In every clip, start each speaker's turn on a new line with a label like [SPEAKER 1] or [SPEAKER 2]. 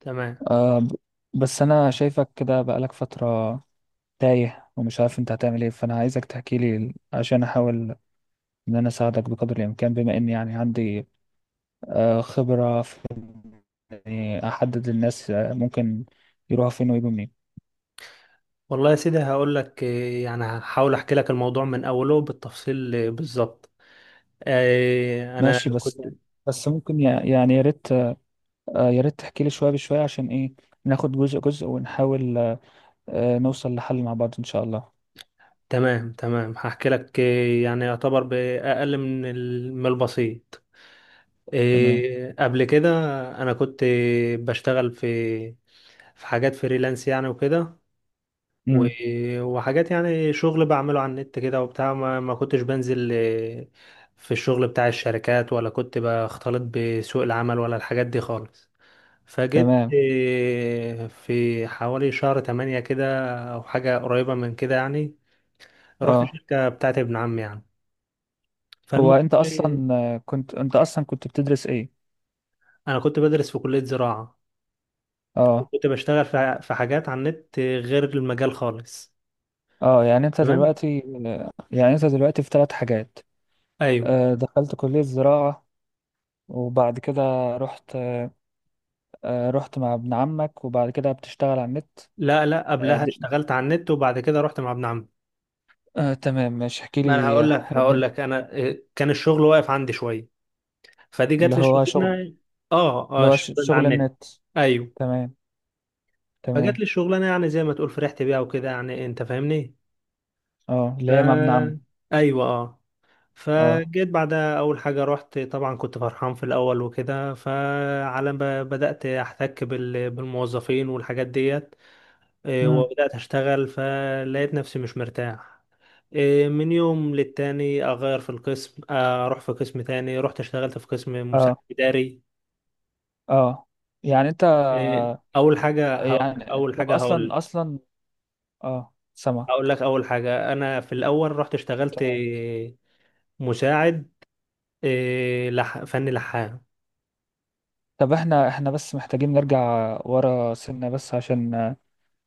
[SPEAKER 1] تمام.
[SPEAKER 2] آه ب- بس انا شايفك كده بقالك فترة تايه، ومش عارف انت هتعمل ايه. فانا عايزك تحكي لي عشان احاول ان انا اساعدك بقدر الامكان، بما اني يعني عندي خبرة في إني احدد الناس، ممكن يروحوا فين ويجوا منين.
[SPEAKER 1] والله يا سيدي هقول لك، يعني هحاول احكي لك الموضوع من اوله بالتفصيل بالظبط.
[SPEAKER 2] ماشي.
[SPEAKER 1] انا
[SPEAKER 2] بس
[SPEAKER 1] كنت.
[SPEAKER 2] بس ممكن يعني، يا ريت، يا ريت تحكي لي شوية بشوية، عشان ايه؟ ناخد جزء جزء ونحاول، نوصل لحل مع بعض ان شاء الله.
[SPEAKER 1] تمام تمام، هحكي لك. يعني يعتبر باقل من من البسيط.
[SPEAKER 2] تمام.
[SPEAKER 1] قبل كده انا كنت بشتغل في حاجات فريلانس يعني وكده، و-
[SPEAKER 2] امم
[SPEAKER 1] وحاجات يعني شغل بعمله على النت كده وبتاع. ما كنتش بنزل في الشغل بتاع الشركات، ولا كنت بختلط بسوق العمل ولا الحاجات دي خالص. فجيت
[SPEAKER 2] تمام.
[SPEAKER 1] في حوالي شهر تمانية كده أو حاجة قريبة من كده، يعني رحت
[SPEAKER 2] اه،
[SPEAKER 1] شركة بتاعت ابن عمي يعني.
[SPEAKER 2] هو
[SPEAKER 1] فالمهم،
[SPEAKER 2] انت
[SPEAKER 1] إيه،
[SPEAKER 2] اصلا، كنت انت اصلا كنت بتدرس ايه؟
[SPEAKER 1] أنا كنت بدرس في كلية زراعة،
[SPEAKER 2] اه،
[SPEAKER 1] كنت بشتغل في حاجات على النت غير المجال خالص.
[SPEAKER 2] اه. يعني انت
[SPEAKER 1] تمام.
[SPEAKER 2] دلوقتي يعني انت دلوقتي في 3 حاجات،
[SPEAKER 1] أيوه.
[SPEAKER 2] دخلت كلية زراعة، وبعد كده رحت، رحت مع ابن عمك، وبعد كده بتشتغل على النت.
[SPEAKER 1] لا لا،
[SPEAKER 2] آه،
[SPEAKER 1] قبلها
[SPEAKER 2] د-
[SPEAKER 1] اشتغلت على النت وبعد كده رحت مع ابن عمي.
[SPEAKER 2] تمام، مش احكي
[SPEAKER 1] ما أنا
[SPEAKER 2] لي
[SPEAKER 1] هقول لك هقول لك
[SPEAKER 2] الدنيا.
[SPEAKER 1] أنا كان الشغل واقف عندي شوية، فدي جات
[SPEAKER 2] اللي
[SPEAKER 1] لي
[SPEAKER 2] هو شغل.
[SPEAKER 1] الشغلانة. آه
[SPEAKER 2] اللي
[SPEAKER 1] آه،
[SPEAKER 2] هو
[SPEAKER 1] الشغل اللي على
[SPEAKER 2] شغل
[SPEAKER 1] النت.
[SPEAKER 2] النت.
[SPEAKER 1] أيوه.
[SPEAKER 2] تمام.
[SPEAKER 1] فجات لي
[SPEAKER 2] تمام.
[SPEAKER 1] الشغلانة يعني زي ما تقول فرحت بيها وكده، يعني أنت فاهمني.
[SPEAKER 2] اه. اللي هي مع ابن عمك.
[SPEAKER 1] ف، ايوه اه.
[SPEAKER 2] اه.
[SPEAKER 1] فجيت بعدها، اول حاجه رحت طبعا كنت فرحان في الاول وكده. فعلى ما بدات احتك بالموظفين والحاجات ديت،
[SPEAKER 2] امم
[SPEAKER 1] وبدات اشتغل فلقيت نفسي مش مرتاح. من يوم للتاني اغير في القسم، اروح في قسم تاني. رحت اشتغلت في قسم مساعد
[SPEAKER 2] اه،
[SPEAKER 1] اداري.
[SPEAKER 2] اه، يعني انت،
[SPEAKER 1] اول حاجه هقول
[SPEAKER 2] يعني
[SPEAKER 1] اول
[SPEAKER 2] طب،
[SPEAKER 1] حاجه
[SPEAKER 2] اصلا
[SPEAKER 1] هقول
[SPEAKER 2] اصلا اه، سمع.
[SPEAKER 1] هقول لك اول حاجه، انا في الاول رحت اشتغلت
[SPEAKER 2] تمام.
[SPEAKER 1] مساعد، فني لحام.
[SPEAKER 2] طب احنا بس محتاجين نرجع ورا سنة، بس عشان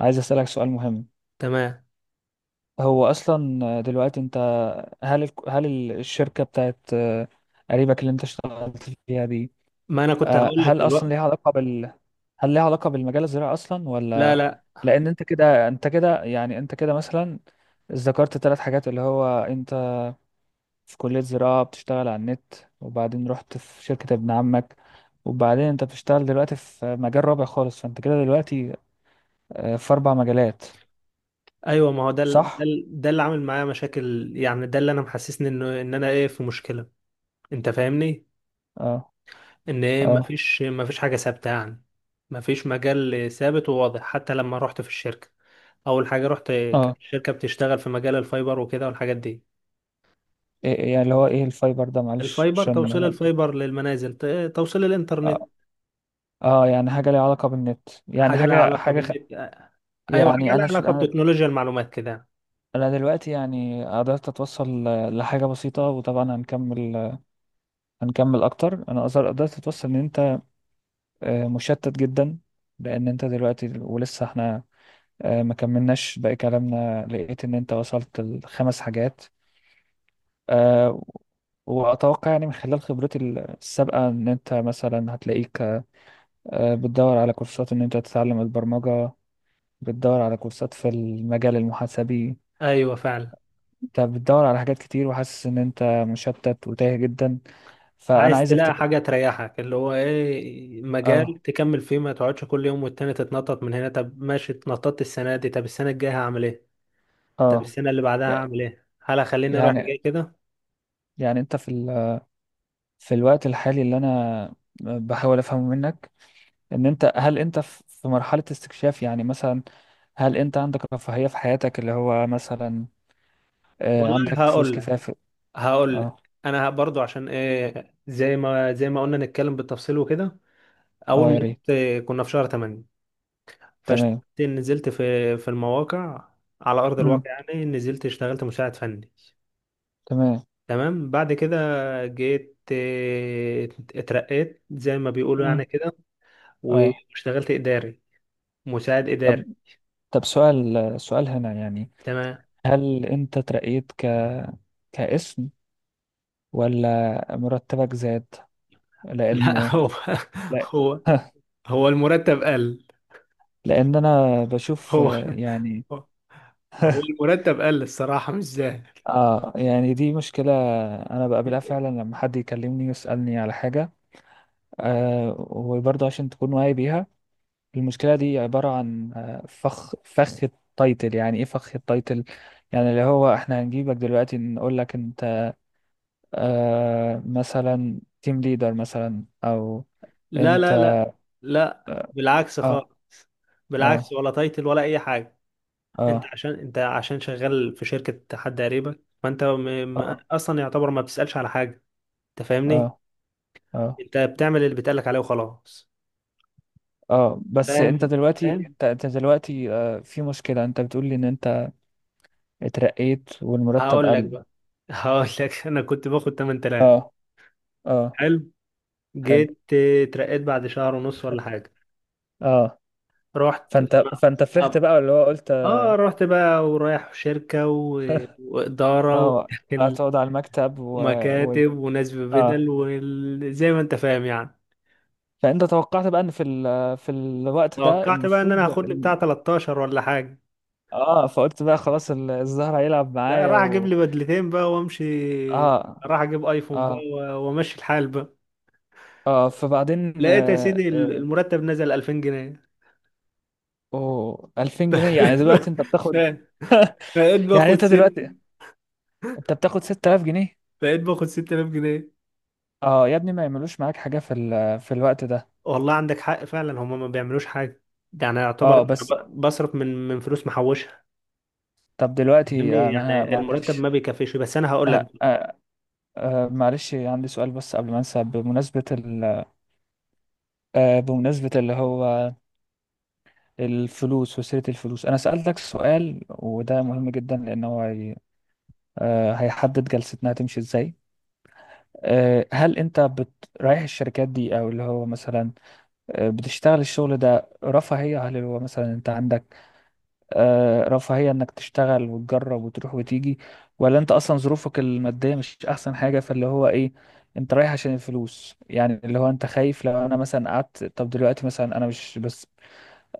[SPEAKER 2] عايز أسألك سؤال مهم.
[SPEAKER 1] تمام.
[SPEAKER 2] هو أصلا دلوقتي أنت، هل الشركة بتاعت قريبك اللي أنت اشتغلت فيها دي،
[SPEAKER 1] ما انا كنت هقول لك
[SPEAKER 2] هل أصلا ليها
[SPEAKER 1] دلوقتي.
[SPEAKER 2] علاقة بال، هل ليها علاقة بالمجال الزراعي أصلا،
[SPEAKER 1] لا
[SPEAKER 2] ولا؟
[SPEAKER 1] لا.
[SPEAKER 2] لأن أنت كده مثلا ذكرت 3 حاجات، اللي هو أنت في كلية زراعة، بتشتغل على النت، وبعدين رحت في شركة ابن عمك، وبعدين أنت بتشتغل دلوقتي في مجال رابع خالص. فأنت كده دلوقتي في 4 مجالات،
[SPEAKER 1] ايوه، ما هو ده
[SPEAKER 2] صح؟
[SPEAKER 1] ده اللي عامل معايا مشاكل يعني، ده اللي انا محسسني انه ان انا في مشكله. انت فاهمني.
[SPEAKER 2] اه،
[SPEAKER 1] ان
[SPEAKER 2] اه،
[SPEAKER 1] مفيش حاجه ثابته يعني. مفيش مجال ثابت وواضح. حتى لما رحت في الشركه، اول حاجه رحت كانت
[SPEAKER 2] اه.
[SPEAKER 1] الشركه بتشتغل في مجال الفايبر وكده والحاجات دي.
[SPEAKER 2] إيه يعني، اللي هو ايه الفايبر ده؟ معلش،
[SPEAKER 1] الفايبر
[SPEAKER 2] عشان.
[SPEAKER 1] توصيل الفايبر للمنازل، توصيل الانترنت.
[SPEAKER 2] اه، يعني حاجة ليها علاقة بالنت، يعني
[SPEAKER 1] حاجه لها
[SPEAKER 2] حاجة،
[SPEAKER 1] علاقه
[SPEAKER 2] خ...
[SPEAKER 1] بالنت. ايوه، حاجه
[SPEAKER 2] يعني
[SPEAKER 1] لها
[SPEAKER 2] انا ش...
[SPEAKER 1] علاقه
[SPEAKER 2] انا،
[SPEAKER 1] بتكنولوجيا المعلومات كده.
[SPEAKER 2] أنا دلوقتي يعني قدرت اتوصل لحاجة بسيطة، وطبعا هنكمل، اكتر. انا قدرت اتوصل ان انت مشتت جدا، لان انت دلوقتي، ولسه احنا ما كملناش باقي كلامنا، لقيت ان انت وصلت لـ5 حاجات. آه، واتوقع يعني من خلال خبرتي السابقة ان انت مثلا هتلاقيك بتدور على كورسات ان انت تتعلم البرمجة، بتدور على كورسات في المجال المحاسبي.
[SPEAKER 1] ايوه فعلا.
[SPEAKER 2] انت بتدور على حاجات كتير، وحاسس ان انت مشتت وتايه جدا. فانا
[SPEAKER 1] عايز
[SPEAKER 2] عايزك
[SPEAKER 1] تلاقي
[SPEAKER 2] تك...
[SPEAKER 1] حاجة تريحك، اللي هو ايه،
[SPEAKER 2] اه،
[SPEAKER 1] مجال تكمل فيه. ما تقعدش كل يوم والتاني تتنطط من هنا. طب ماشي، اتنططت السنة دي، طب السنة الجاية هعمل ايه؟ طب
[SPEAKER 2] اه،
[SPEAKER 1] السنة اللي بعدها
[SPEAKER 2] يع-
[SPEAKER 1] هعمل ايه؟ هل هخليني رايح
[SPEAKER 2] يعني
[SPEAKER 1] جاي كده؟
[SPEAKER 2] يعني انت في ال...، في الوقت الحالي اللي انا بحاول افهمه منك، ان انت، هل انت في مرحلة استكشاف؟ يعني مثلا هل انت عندك رفاهية في حياتك؟ اللي هو مثلا
[SPEAKER 1] والله
[SPEAKER 2] عندك فلوس
[SPEAKER 1] هقول لك
[SPEAKER 2] كفاية في...
[SPEAKER 1] هقول لك
[SPEAKER 2] اه،
[SPEAKER 1] انا برضو، عشان ايه، زي ما قلنا نتكلم بالتفصيل وكده. اول
[SPEAKER 2] اه،
[SPEAKER 1] ما
[SPEAKER 2] يا ريت.
[SPEAKER 1] رحت كنا في شهر 8، فاشتغلت
[SPEAKER 2] تمام.
[SPEAKER 1] نزلت في المواقع على ارض
[SPEAKER 2] امم
[SPEAKER 1] الواقع يعني. نزلت اشتغلت مساعد فني.
[SPEAKER 2] تمام.
[SPEAKER 1] تمام. بعد كده جيت اترقيت زي ما بيقولوا
[SPEAKER 2] امم
[SPEAKER 1] يعني كده،
[SPEAKER 2] اه.
[SPEAKER 1] واشتغلت إداري، مساعد إداري.
[SPEAKER 2] طب سؤال، سؤال هنا يعني،
[SPEAKER 1] تمام.
[SPEAKER 2] هل انت ترقيت ك، كاسم، ولا مرتبك زاد؟ لان،
[SPEAKER 1] لا، هو
[SPEAKER 2] لا.
[SPEAKER 1] هو هو المرتب قل.
[SPEAKER 2] لان انا بشوف
[SPEAKER 1] هو
[SPEAKER 2] يعني.
[SPEAKER 1] هو المرتب قل، الصراحة مش زاهر.
[SPEAKER 2] اه، يعني دي مشكلة انا بقابلها فعلا لما حد يكلمني يسألني على حاجة، وبرضه عشان تكون واعي بيها. المشكلة دي عبارة عن فخ، التايتل. يعني ايه فخ التايتل؟ يعني اللي هو احنا هنجيبك دلوقتي نقول لك انت مثلا تيم ليدر، مثلا، او
[SPEAKER 1] لا
[SPEAKER 2] انت.
[SPEAKER 1] لا لا لا، بالعكس خالص.
[SPEAKER 2] اه،
[SPEAKER 1] بالعكس،
[SPEAKER 2] اه،
[SPEAKER 1] ولا تايتل ولا أي حاجة. أنت
[SPEAKER 2] اه،
[SPEAKER 1] عشان أنت عشان شغال في شركة حد قريبك، فأنت م...
[SPEAKER 2] اه،
[SPEAKER 1] أصلا يعتبر ما بتسألش على حاجة. أنت فاهمني.
[SPEAKER 2] اه، اه،
[SPEAKER 1] انت بتعمل اللي بيتقالك عليه وخلاص.
[SPEAKER 2] اه. بس انت
[SPEAKER 1] فاهم
[SPEAKER 2] دلوقتي،
[SPEAKER 1] فاهم.
[SPEAKER 2] انت دلوقتي في مشكلة. انت بتقول لي ان انت اترقيت والمرتب
[SPEAKER 1] هقول لك
[SPEAKER 2] قل.
[SPEAKER 1] بقى هقول لك انا كنت باخد 8000.
[SPEAKER 2] اه، اه.
[SPEAKER 1] حلو.
[SPEAKER 2] حلو.
[SPEAKER 1] جيت اترقيت بعد شهر ونص ولا حاجه.
[SPEAKER 2] اه،
[SPEAKER 1] رحت
[SPEAKER 2] فانت فرحت
[SPEAKER 1] اه
[SPEAKER 2] بقى، اللي هو قلت.
[SPEAKER 1] آه، رحت بقى، ورايح شركه واداره
[SPEAKER 2] اه،
[SPEAKER 1] وداخل
[SPEAKER 2] هتقعد على المكتب، و... و...
[SPEAKER 1] ومكاتب وناس
[SPEAKER 2] اه،
[SPEAKER 1] ببدل، وزي ما انت فاهم يعني.
[SPEAKER 2] فانت توقعت بقى ان في ال...، في الوقت ده
[SPEAKER 1] توقعت بقى ان انا
[SPEAKER 2] المفروض.
[SPEAKER 1] هاخد لي بتاع 13 ولا حاجه.
[SPEAKER 2] اه، فقلت بقى خلاص، الزهر هيلعب
[SPEAKER 1] لا،
[SPEAKER 2] معايا
[SPEAKER 1] راح اجيب
[SPEAKER 2] و...
[SPEAKER 1] لي بدلتين بقى وامشي.
[SPEAKER 2] اه،
[SPEAKER 1] راح اجيب ايفون بقى
[SPEAKER 2] اه،
[SPEAKER 1] وامشي الحال بقى.
[SPEAKER 2] اه، فبعدين
[SPEAKER 1] لقيت يا سيدي المرتب نزل 2000 جنيه.
[SPEAKER 2] أوه! 2000 جنيه؟ يعني دلوقتي انت
[SPEAKER 1] ف-
[SPEAKER 2] بتاخد،
[SPEAKER 1] فبقيت
[SPEAKER 2] يعني
[SPEAKER 1] باخد
[SPEAKER 2] انت
[SPEAKER 1] ست
[SPEAKER 2] دلوقتي انت بتاخد 6000 جنيه؟
[SPEAKER 1] بقيت باخد 6000 جنيه.
[SPEAKER 2] اه يا ابني، ما يعملوش معاك حاجة في ال...، في الوقت ده.
[SPEAKER 1] والله عندك حق فعلا، هما ما بيعملوش حاجه. يعني يعتبر
[SPEAKER 2] اه.
[SPEAKER 1] أنا
[SPEAKER 2] بس،
[SPEAKER 1] بصرف من فلوس محوشها.
[SPEAKER 2] طب دلوقتي
[SPEAKER 1] فاهمني،
[SPEAKER 2] انا
[SPEAKER 1] يعني المرتب
[SPEAKER 2] معلش،
[SPEAKER 1] ما بيكفيش. بس انا هقول لك.
[SPEAKER 2] آه آه معلش، عندي سؤال بس قبل ما انسى بمناسبة ال... بمناسبة اللي هو الفلوس وسيرة الفلوس، انا سألتك سؤال وده مهم جدا، لان هو هي... هيحدد جلستنا هتمشي ازاي. هل انت بت...، رايح الشركات دي، او اللي هو مثلا بتشتغل الشغل ده رفاهية؟ هل اللي هو مثلا انت عندك رفاهية انك تشتغل وتجرب وتروح وتيجي، ولا انت اصلا ظروفك المادية مش احسن حاجة، فاللي هو ايه، انت رايح عشان الفلوس؟ يعني اللي هو انت خايف، لو انا مثلا قعدت، طب دلوقتي مثلا انا مش بس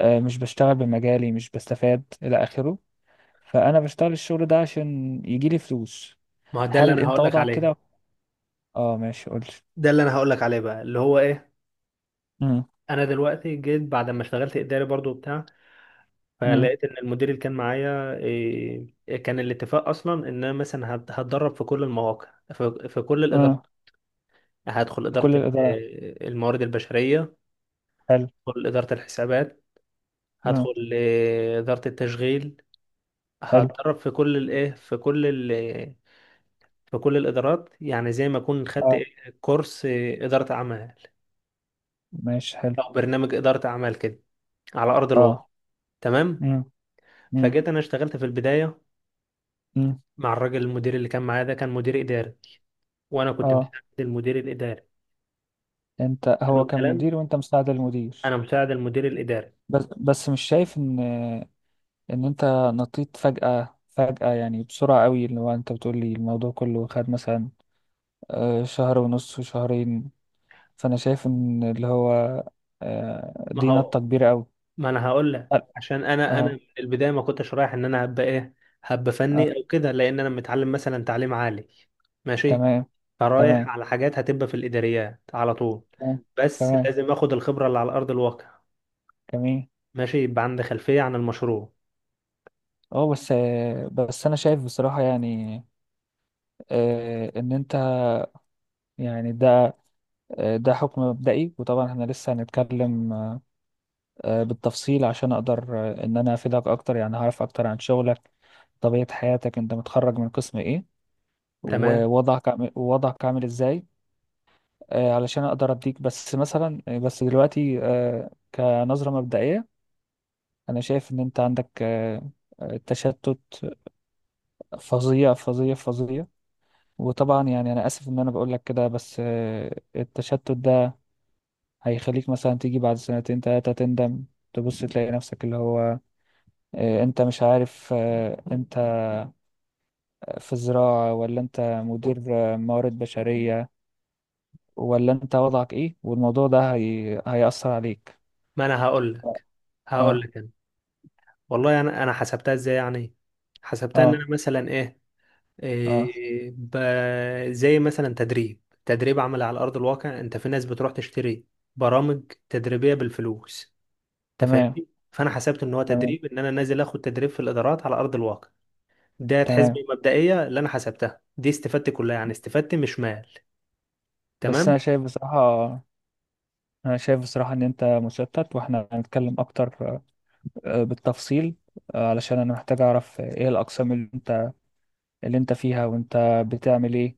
[SPEAKER 2] مش بشتغل بمجالي، مش بستفاد، الى اخره، فانا بشتغل الشغل ده عشان يجيلي فلوس.
[SPEAKER 1] ما هو ده اللي
[SPEAKER 2] هل
[SPEAKER 1] انا
[SPEAKER 2] انت
[SPEAKER 1] هقول لك
[SPEAKER 2] وضعك كده؟
[SPEAKER 1] عليه.
[SPEAKER 2] اه، ماشي، قولي.
[SPEAKER 1] ده اللي انا هقول لك عليه بقى، اللي هو ايه. انا دلوقتي جيت بعد ما اشتغلت اداري برضو بتاع،
[SPEAKER 2] امم
[SPEAKER 1] فلقيت ان المدير اللي كان معايا، كان الاتفاق اصلا ان انا مثلا هتدرب في كل المواقع، في كل الادارات.
[SPEAKER 2] اه.
[SPEAKER 1] هدخل إدارة
[SPEAKER 2] كل الإدارة،
[SPEAKER 1] الموارد البشرية،
[SPEAKER 2] حلو.
[SPEAKER 1] هدخل إدارة الحسابات،
[SPEAKER 2] اه،
[SPEAKER 1] هدخل إدارة التشغيل.
[SPEAKER 2] حلو.
[SPEAKER 1] هتدرب في كل الإيه في كل ال في كل الإدارات. يعني زي ما أكون خدت
[SPEAKER 2] اه،
[SPEAKER 1] كورس إدارة أعمال،
[SPEAKER 2] ماشي، حلو.
[SPEAKER 1] أو برنامج إدارة أعمال كده، على أرض الواقع.
[SPEAKER 2] اه.
[SPEAKER 1] تمام.
[SPEAKER 2] امم، امم،
[SPEAKER 1] فجيت أنا اشتغلت في البداية
[SPEAKER 2] امم
[SPEAKER 1] مع الراجل المدير اللي كان معايا ده، كان مدير إداري، وأنا كنت
[SPEAKER 2] اه.
[SPEAKER 1] مساعد المدير الإداري.
[SPEAKER 2] انت،
[SPEAKER 1] حلو
[SPEAKER 2] هو كان
[SPEAKER 1] الكلام.
[SPEAKER 2] مدير وانت مساعد المدير؟
[SPEAKER 1] أنا مساعد المدير الإداري.
[SPEAKER 2] بس مش شايف ان، انت نطيت فجأة فجأة؟ يعني بسرعة قوي، اللي هو انت بتقول لي الموضوع كله خد مثلا شهر ونص وشهرين. فانا شايف ان اللي هو
[SPEAKER 1] ما
[SPEAKER 2] دي
[SPEAKER 1] هو
[SPEAKER 2] نطة كبيرة قوي.
[SPEAKER 1] ما انا هقول لك، عشان انا من
[SPEAKER 2] اه،
[SPEAKER 1] البدايه ما كنتش رايح ان انا هبقى
[SPEAKER 2] اه.
[SPEAKER 1] فني او كده، لان انا متعلم مثلا تعليم عالي. ماشي.
[SPEAKER 2] تمام.
[SPEAKER 1] فرايح
[SPEAKER 2] تمام،
[SPEAKER 1] على حاجات هتبقى في الاداريات على طول.
[SPEAKER 2] تمام،
[SPEAKER 1] بس
[SPEAKER 2] تمام.
[SPEAKER 1] لازم اخد الخبره اللي على ارض الواقع،
[SPEAKER 2] جميل.
[SPEAKER 1] ماشي، يبقى عندي خلفيه عن المشروع.
[SPEAKER 2] اه. بس انا شايف بصراحة يعني ان انت، يعني ده حكم مبدئي، وطبعا احنا لسه هنتكلم بالتفصيل عشان اقدر ان انا افيدك اكتر. يعني هعرف اكتر عن شغلك، طبيعة حياتك، انت متخرج من قسم ايه،
[SPEAKER 1] تمام.
[SPEAKER 2] ووضعك ووضعك عامل ازاي. علشان اقدر اديك بس مثلا بس دلوقتي كنظرة مبدئية، انا شايف ان انت عندك تشتت فظيع فظيع فظيع. وطبعا يعني انا اسف ان انا بقول لك كده، بس التشتت ده هيخليك مثلا تيجي بعد سنتين تلاتة تندم، تبص تلاقي نفسك اللي هو انت مش عارف، انت في زراعة ولا انت مدير موارد بشرية، ولا انت وضعك ايه. والموضوع ده هي... هيأثر عليك.
[SPEAKER 1] ما انا هقول لك.
[SPEAKER 2] اه،
[SPEAKER 1] انا والله انا حسبتها ازاي يعني. حسبتها ان
[SPEAKER 2] اه،
[SPEAKER 1] انا مثلا ايه،
[SPEAKER 2] اه.
[SPEAKER 1] زي مثلا تدريب عملي على أرض الواقع. أنت في ناس بتروح تشتري برامج تدريبية بالفلوس. أنت
[SPEAKER 2] تمام.
[SPEAKER 1] فاهمني؟ فأنا حسبت إن هو
[SPEAKER 2] تمام.
[SPEAKER 1] تدريب، إن أنا نازل آخد تدريب في الإدارات على أرض الواقع. ده حسبة
[SPEAKER 2] تمام.
[SPEAKER 1] مبدئية اللي أنا حسبتها دي، استفدت كلها يعني، استفدت مش مال.
[SPEAKER 2] بس
[SPEAKER 1] تمام؟
[SPEAKER 2] انا شايف بصراحة، انا شايف بصراحة ان انت مشتت، واحنا هنتكلم اكتر بالتفصيل، علشان انا محتاج اعرف ايه الاقسام اللي انت، اللي انت فيها، وانت بتعمل ايه،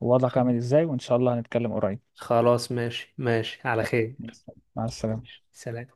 [SPEAKER 2] ووضعك عامل ازاي، وان شاء الله هنتكلم قريب.
[SPEAKER 1] خلاص، ماشي ماشي على خير.
[SPEAKER 2] مع السلامة.
[SPEAKER 1] ماشي، سلام.